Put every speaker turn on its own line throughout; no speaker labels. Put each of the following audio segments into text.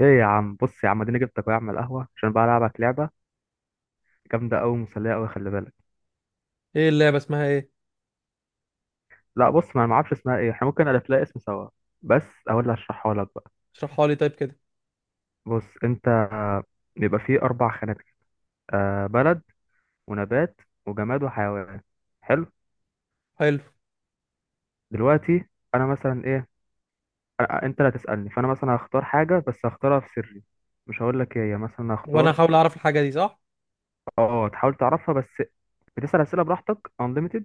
ايه يا عم، بص يا عم، اديني جبتك أهو يا عم القهوه عشان بقى العبك لعبه جامده قوي، مسليه قوي، خلي بالك.
ايه اللعبة اسمها ايه؟
لا بص، ما انا ما اعرفش اسمها ايه، احنا ممكن الف لها اسم سوا بس. اقول اللي هشرحها لك بقى.
اشرحها لي طيب كده.
بص انت، بيبقى فيه اربع خانات كده. بلد ونبات وجماد وحيوان. حلو.
حلو.
دلوقتي انا مثلا ايه، انت اللي هتسالني فانا مثلا هختار حاجه بس هختارها في سري. مش هقول لك ايه هي. مثلا
وانا
هختار.
هحاول اعرف الحاجة دي صح.
اه تحاول تعرفها بس. بتسأل أسئلة براحتك unlimited.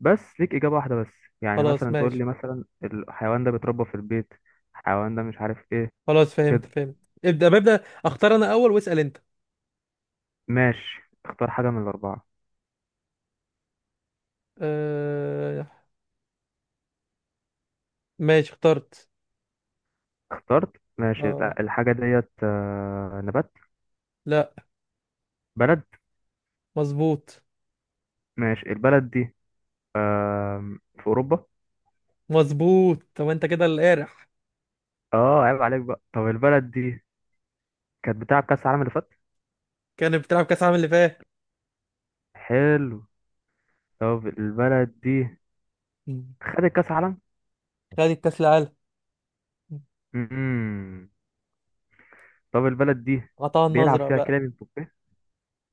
بس ليك إجابة واحدة بس. يعني
خلاص
مثلا تقول
ماشي.
لي مثلا الحيوان ده بيتربى في البيت. الحيوان ده مش عارف ايه.
خلاص فهمت
كده.
فهمت ابدأ ببدأ. اختار انا اول واسأل انت.
ماشي، اختار حاجة من الأربعة.
آه... ماشي اخترت.
اخترت. ماشي،
اه.
لا الحاجة ديت نبات.
لا.
بلد.
مظبوط.
ماشي، البلد دي في أوروبا.
مظبوط طب انت كده القارح.
اه، عيب عليك بقى. طب البلد دي كانت بتلعب كأس العالم اللي فات.
كان بتلعب كاس العالم اللي فات.
حلو. طب البلد دي
مم.
خدت كأس
خد الكاس العالم.
عالم. طب البلد دي
قطع
بيلعب
النظرة
فيها
بقى.
كيليان امبابي.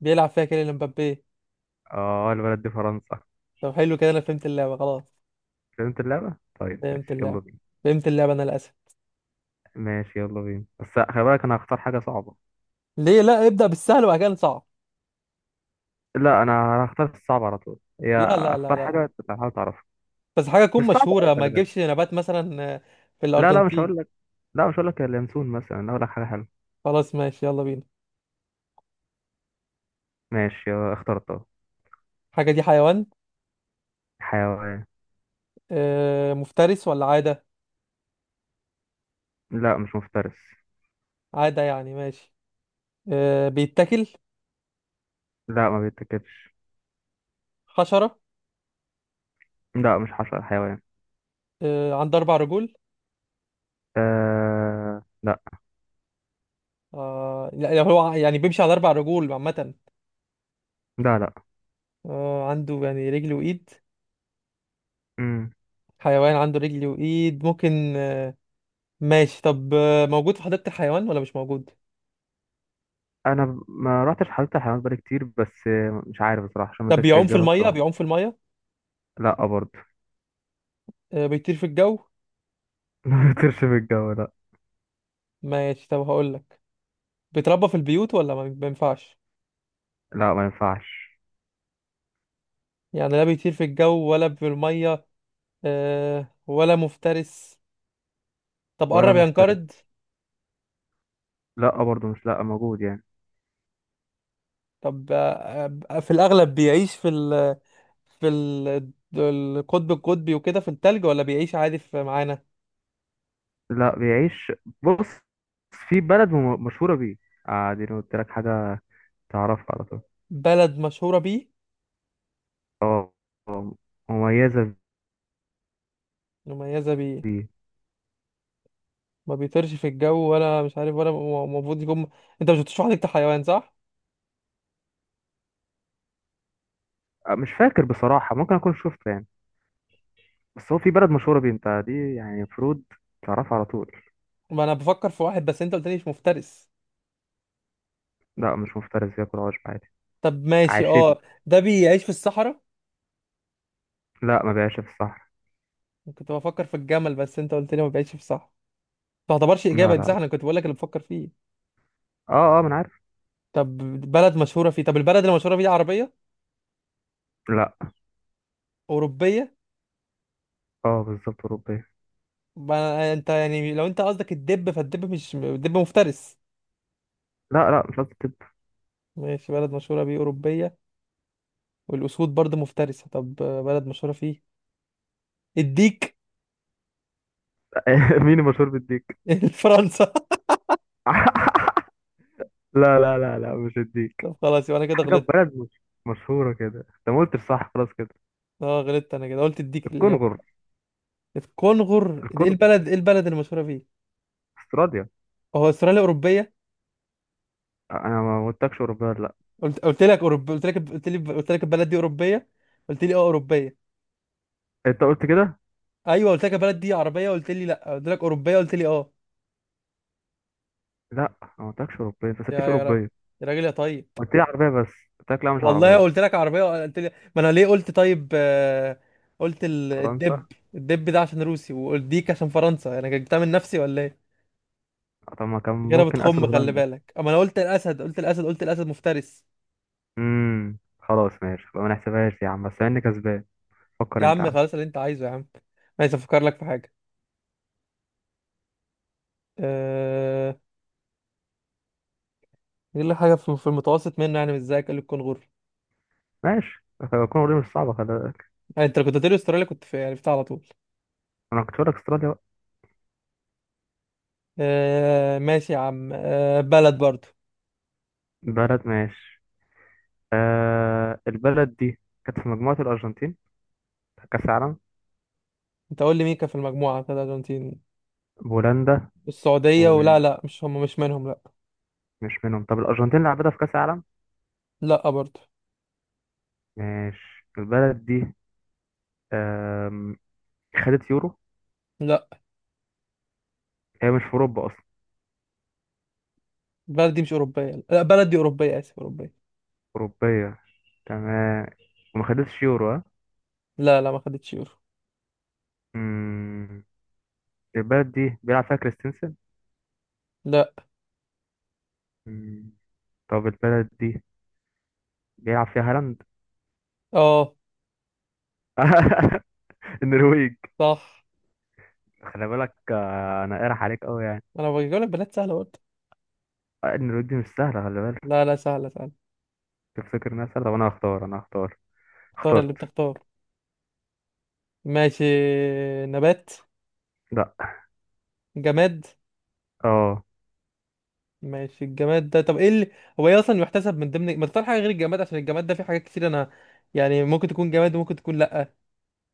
بيلعب فيها كيليان مبابي.
اه، البلد دي فرنسا.
طب حلو كده انا فهمت اللعبة خلاص.
فهمت اللعبة، طيب
فهمت
ماشي يلا
اللعبة.
بينا.
فهمت اللعبة انا للاسف.
ماشي يلا بينا، بس خلي بالك انا هختار حاجة صعبة.
ليه؟ لا ابدأ بالسهل وبعد كده نصعب.
لا، انا هختار الصعب على طول، هي
لا لا لا
اختار حاجة
لا
أنت تحاول تعرفها.
بس حاجة تكون
مش صعبة
مشهورة
أوي،
ما
خلي
تجيبش
بالك.
نبات مثلا، في
لا لا، مش
الأرجنتين.
هقول لك. لا، مش هقول لك اليانسون مثلا، أنا هقول لك حاجة حلوة.
خلاص ماشي يلا بينا.
ماشي، اخترتها.
حاجة دي حيوان؟
حيوان.
مفترس ولا عادة؟
لا، مش مفترس.
عادة يعني، ماشي. بيتاكل؟
لا، ما بيتاكلش.
حشرة؟
لا مش حشرة، حيوان.
عنده أربع رجول؟
لا.
لا هو يعني بيمشي على أربع رجول عامة؟
لا لا.
عنده يعني رجل وإيد؟
مم.
حيوان عنده رجل وإيد ممكن ماشي. طب موجود في حديقة الحيوان ولا مش موجود؟
انا ما رحتش حديقه الحيوانات بقالي كتير، بس مش عارف بصراحه عشان ما
طب
ادكش
بيعوم في
اجابه
المية
بصراحه.
بيعوم في المية
لا برضه.
بيطير في الجو؟
ما بيطيرش في الجو، لا.
ماشي طب هقولك، بيتربى في البيوت ولا ما ينفعش؟
لا، ما ينفعش.
يعني لا بيطير في الجو ولا في المية، ولا مفترس. طب
ولا
قرب ينقرض؟
مفترس. لا برضه، مش لا موجود يعني.
طب في الأغلب بيعيش في ال القطب القطبي وكده في التلج ولا بيعيش عادي في معانا؟
لا بيعيش. بص. في بلد مشهوره بيه. دي أنا قلت لك حاجه تعرفها على طول.
بلد مشهورة بيه؟
اه. آه، مميزه
مميزة بيه؟
بيه.
ما بيطيرش في الجو ولا مش عارف ولا المفروض يكون. انت مش بتشرح لي انت حيوان، صح؟
مش فاكر بصراحه، ممكن اكون شفته يعني. بس هو في بلد مشهوره بيه انت، دي يعني المفروض تعرفها على طول.
ما انا بفكر في واحد بس انت قلت لي مش مفترس.
لا، مش مفترس، بياكل عشب عادي.
طب ماشي،
عاشبي.
اه ده بيعيش في الصحراء؟
لا، ما بيعيش في الصحراء.
كنت بفكر في الجمل بس انت قلت لي ما بيعيش في الصحراء. ما تعتبرش
لا لا
اجابه دي صح، انا
لا.
كنت بقول لك اللي بفكر فيه.
اه اه، ما انا عارف.
طب بلد مشهوره فيه؟ طب البلد اللي مشهوره بيه عربيه؟
لا.
اوروبيه؟
اه، بالظبط اوروبيه.
ما انت يعني لو انت قصدك الدب، فالدب مش مفترس.
لا لا، مش قصدي طب.
ماشي بلد مشهوره بيه اوروبيه، والاسود برضه مفترسه. طب بلد مشهوره فيه الديك؟
مين المشهور بالديك؟
فرنسا.
لا لا لا لا، مش الديك.
طب خلاص، يبقى انا كده
حاجه في
غلطت.
بلد مش مشهوره كده، انت ما قلتش صح، خلاص كده.
اه غلطت انا كده، قلت الديك
الكونغر.
الاجابه. الكونغر؟ ايه
الكونغر.
البلد؟ ايه البلد اللي مشهوره فيه؟
استراليا.
هو استراليا اوروبيه؟
انا ما قلتلكش اوروبيه، ولا لا؟
قلت لك اوروبيه. قلت لي قلت لك البلد دي اوروبيه، قلت لي اه اوروبيه.
انت قلت كده.
ايوه قلت لك يا بلد دي عربيه، قلت لي لا، قلت لك اوروبيه، قلت لي اه.
لا، أنا ما قلتلكش اوروبيه، انت ما
يا
سالتنيش
يا راجل،
اوروبيه.
يا راجل يا طيب.
قلت لي عربيه بس. قلت لك لا، مش
والله
عربيه.
قلت لك عربيه، قلت لي ما انا ليه قلت طيب، قلت الدب.
فرنسا.
الدب ده عشان روسي والديك عشان فرنسا، انا جبتها من نفسي ولا ايه؟
طب ما كان
كده
ممكن اسد
بتخم، خلي
هولندا.
بالك. اما انا قلت الاسد، قلت الاسد، قلت الاسد مفترس.
خلاص ماشي بقى، ما نحسبهاش يا عم، بس انا كسبان. فكر
يا
انت يا
عم
عم.
خلاص اللي انت عايزه يا عم. عايز افكر لك في حاجه. أه... يقول لك حاجه في المتوسط منه، يعني مش زيك، قال لي الكونغر.
ماشي. كونغو دي مش صعبة، خلي بالك.
يعني انت لو كنت هتقولي استراليا كنت في عرفتها على طول.
أنا كنت بقولك أستراليا بقى.
ماشي يا عم. بلد برضو.
بلد، ماشي. البلد دي كانت في مجموعة الأرجنتين بتاع كأس العالم.
انت قول لي مين كان في المجموعة بتاعت الأرجنتين؟
بولندا.
السعودية
ومش
ولا لا؟ مش هم، مش منهم؟ لا،
منهم. طب الأرجنتين لعبتها في كأس العالم.
لا برضه،
ماشي، البلد دي آم، خدت يورو؟
لا.
هي مش في أوروبا أصلا.
بلدي مش أوروبية. لا بلدي أوروبية، آسف، أوروبية.
أوروبية. تمام. وما خدتش يورو، ها؟
لا لا ما خدتش يورو.
مم. البلد دي بيلعب فيها كريستنسن.
لا.
مم. طب البلد دي بيلعب فيها هالاند.
اه
النرويج.
صح.
خلي بالك، انا قارح عليك قوي يعني.
أنا بجيب لك بلاد سهلة برضه.
ان الرود دي مش سهله، خلي بالك.
لا لا، سهلة سهلة.
تفتكر انها سهله؟ طب انا هختار انا هختار.
اختار
اخترت.
اللي بتختار. ماشي. نبات.
لا.
جماد.
اه.
ماشي الجماد ده، طب ايه اللي، هو ايه اصلا يحتسب من ضمن ما تختار حاجة غير الجماد، عشان الجماد ده فيه حاجات كتير. انا يعني ممكن تكون جماد وممكن تكون لا.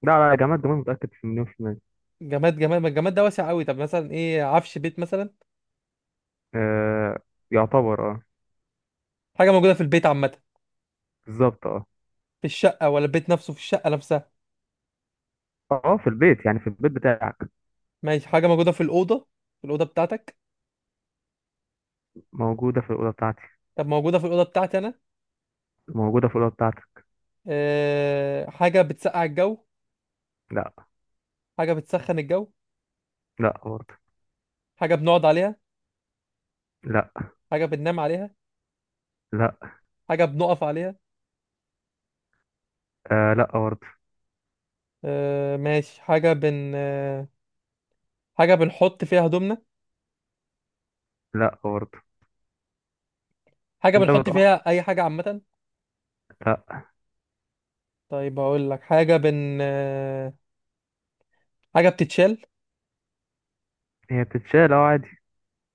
لا لا يا جماعه، الجمال متاكد في مليون في المية.
جماد جماد، ما الجماد ده واسع قوي. طب مثلا ايه، عفش بيت مثلا؟
آه يعتبر، اه.
حاجه موجوده في البيت عامه؟
بالظبط، اه.
في الشقه ولا البيت نفسه، في الشقه نفسها؟
اه، في البيت يعني في البيت بتاعك.
ماشي حاجه موجوده في الاوضه؟ في الاوضه بتاعتك.
موجوده في الاوضه بتاعتي.
طب موجوده في الاوضه بتاعتي انا.
موجوده في الاوضه بتاعتك.
حاجه بتسقع الجو؟
لا.
حاجه بتسخن الجو؟
لا برضه.
حاجه بنقعد عليها؟
لا.
حاجه بننام عليها؟
لا.
حاجه بنقف عليها؟
لا برضه.
ماشي. حاجه بنحط فيها هدومنا؟
لا برضه.
حاجه
انت
بنحط
بتقطع.
فيها اي حاجه عامه؟
لا.
طيب هقول لك، حاجه بتتشال؟
هي بتتشال، اه، عادي.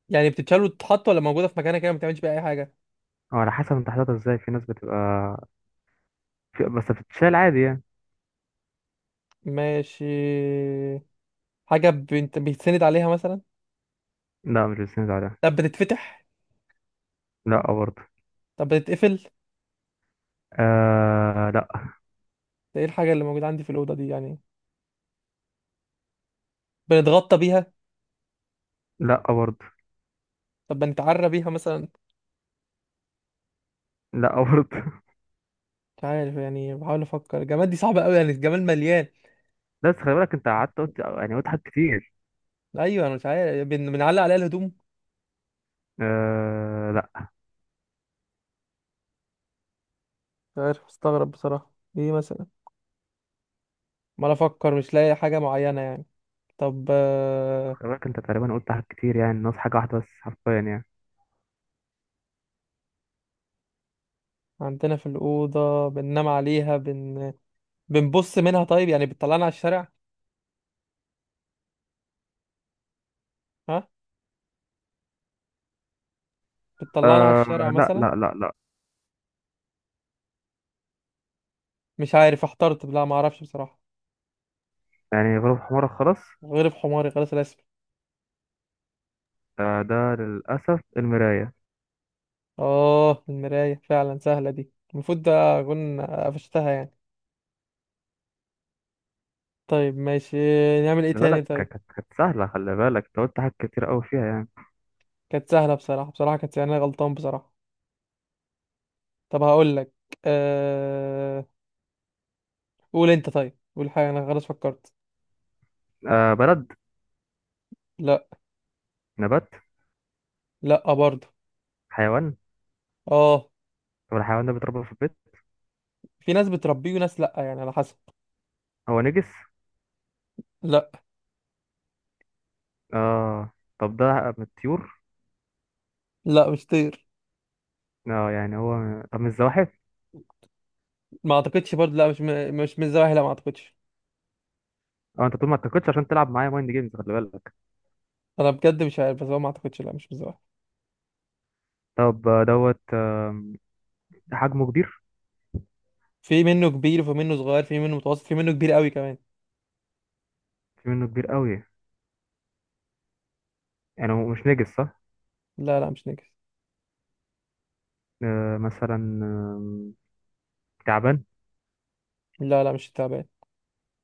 يعني بتتشال وتتحط ولا موجوده في مكانها كده ما بتعملش بيها اي حاجه؟
اه، على حسب انت حاططها ازاي، في ناس بتبقى بس بتتشال عادي يعني.
ماشي. حاجة بنت بيتسند عليها مثلا؟
لا، مش بتسند عليها.
طب بتتفتح؟
لا برضه.
طب بتتقفل؟
لا.
ده ايه الحاجة اللي موجودة عندي في الأوضة دي يعني؟ بنتغطى بيها؟
لا برضه.
طب بنتعرى بيها مثلا؟
لا برضه.
مش عارف يعني، بحاول أفكر، الجمال دي صعبة أوي يعني، الجمال مليان.
بس خلي بالك انت قعدت قلت يعني قلت حاجات كتير.
أيوة أنا مش عارف، بنعلق عليها الهدوم؟
لا.
مش عارف، مستغرب بصراحة. ايه مثلا؟ ما أنا أفكر مش لاقي حاجة معينة يعني. طب
خلي بالك انت تقريبا قلت حاجات كتير يعني، ناقص حاجة واحدة بس حرفيا يعني.
عندنا في الأوضة بننام عليها، بنبص منها طيب يعني، بتطلعنا على الشارع؟ ها؟ بتطلعنا على
آه.
الشارع
لا
مثلا؟
لا لا لا.
مش عارف احترت. لا ما اعرفش بصراحة.
يعني غروب حمارك خلاص.
غريب حماري خلاص الاسم.
آه، ده للأسف المراية.
اه المراية فعلا، سهلة دي المفروض ده اكون قفشتها يعني. طيب ماشي. نعمل ايه
خلي
تاني
بالك كانت
طيب؟
كانت سهلة، خلي بالك انت قلت حاجات كتير قوي فيها يعني.
كانت سهلة بصراحة، بصراحة كانت، يعني أنا غلطان بصراحة. طب هقول لك، أه... قول انت طيب، قول حاجة، انا خلاص فكرت.
بلد.
لا.
نبات.
لا برضه.
حيوان.
اه.
طب الحيوان ده بيتربى في البيت؟
في ناس بتربيه وناس لا، يعني على حسب.
هو نجس؟
لا.
اه. طب ده من الطيور؟
لا مش طير.
اه يعني، هو طب من الزواحف؟
ما اعتقدش برضه، لا مش م... مش من الزواحف لا، ما اعتقدش.
اه انت طول ما اتكتش عشان تلعب معايا مايند جيمز، خلي بالك.
انا بجد مش عارف، بس هو ما اعتقدش، لا مش من الزواحف.
طب دوت حجمه كبير؟
في منه كبير وفي منه صغير، في منه متوسط، في منه كبير قوي كمان.
في منه كبير قوي. يعني هو مش نجس، صح؟
لا لا مش نجس.
مثلا تعبان؟
لا لا مش التعبان.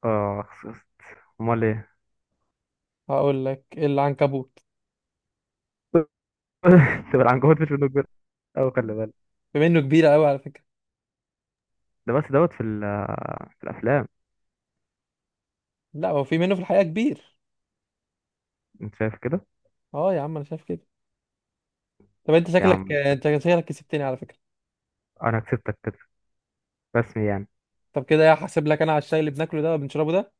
اه، خسست. امال ايه؟
هقول لك العنكبوت.
تبقى العنكبوت؟ مش منه كبير قوي، خلي بالك.
بما انه كبير قوي على فكره.
ده بس دوت في الافلام.
لا هو في منه في الحقيقه كبير.
انت شايف كده؟
اه يا عم انا شايف كده. طب انت
يا
شكلك،
عم.
انت شكلك كسبتني على فكره.
انا كسبتك كده، رسمي يعني.
طب كده يا هحاسب لك انا على الشاي اللي بناكله ده وبنشربه ده.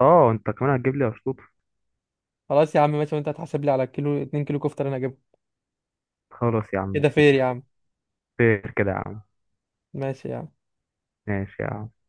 اه انت كمان هتجيب لي اشطوط.
خلاص يا عم ماشي، وانت هتحاسب لي على كيلو 2 كيلو كفته اللي انا هجيبها.
خلاص يا عم،
كده
مش
فير يا
متفقين.
عم.
خير كده يا عم.
ماشي يا عم.
ماشي يا عم.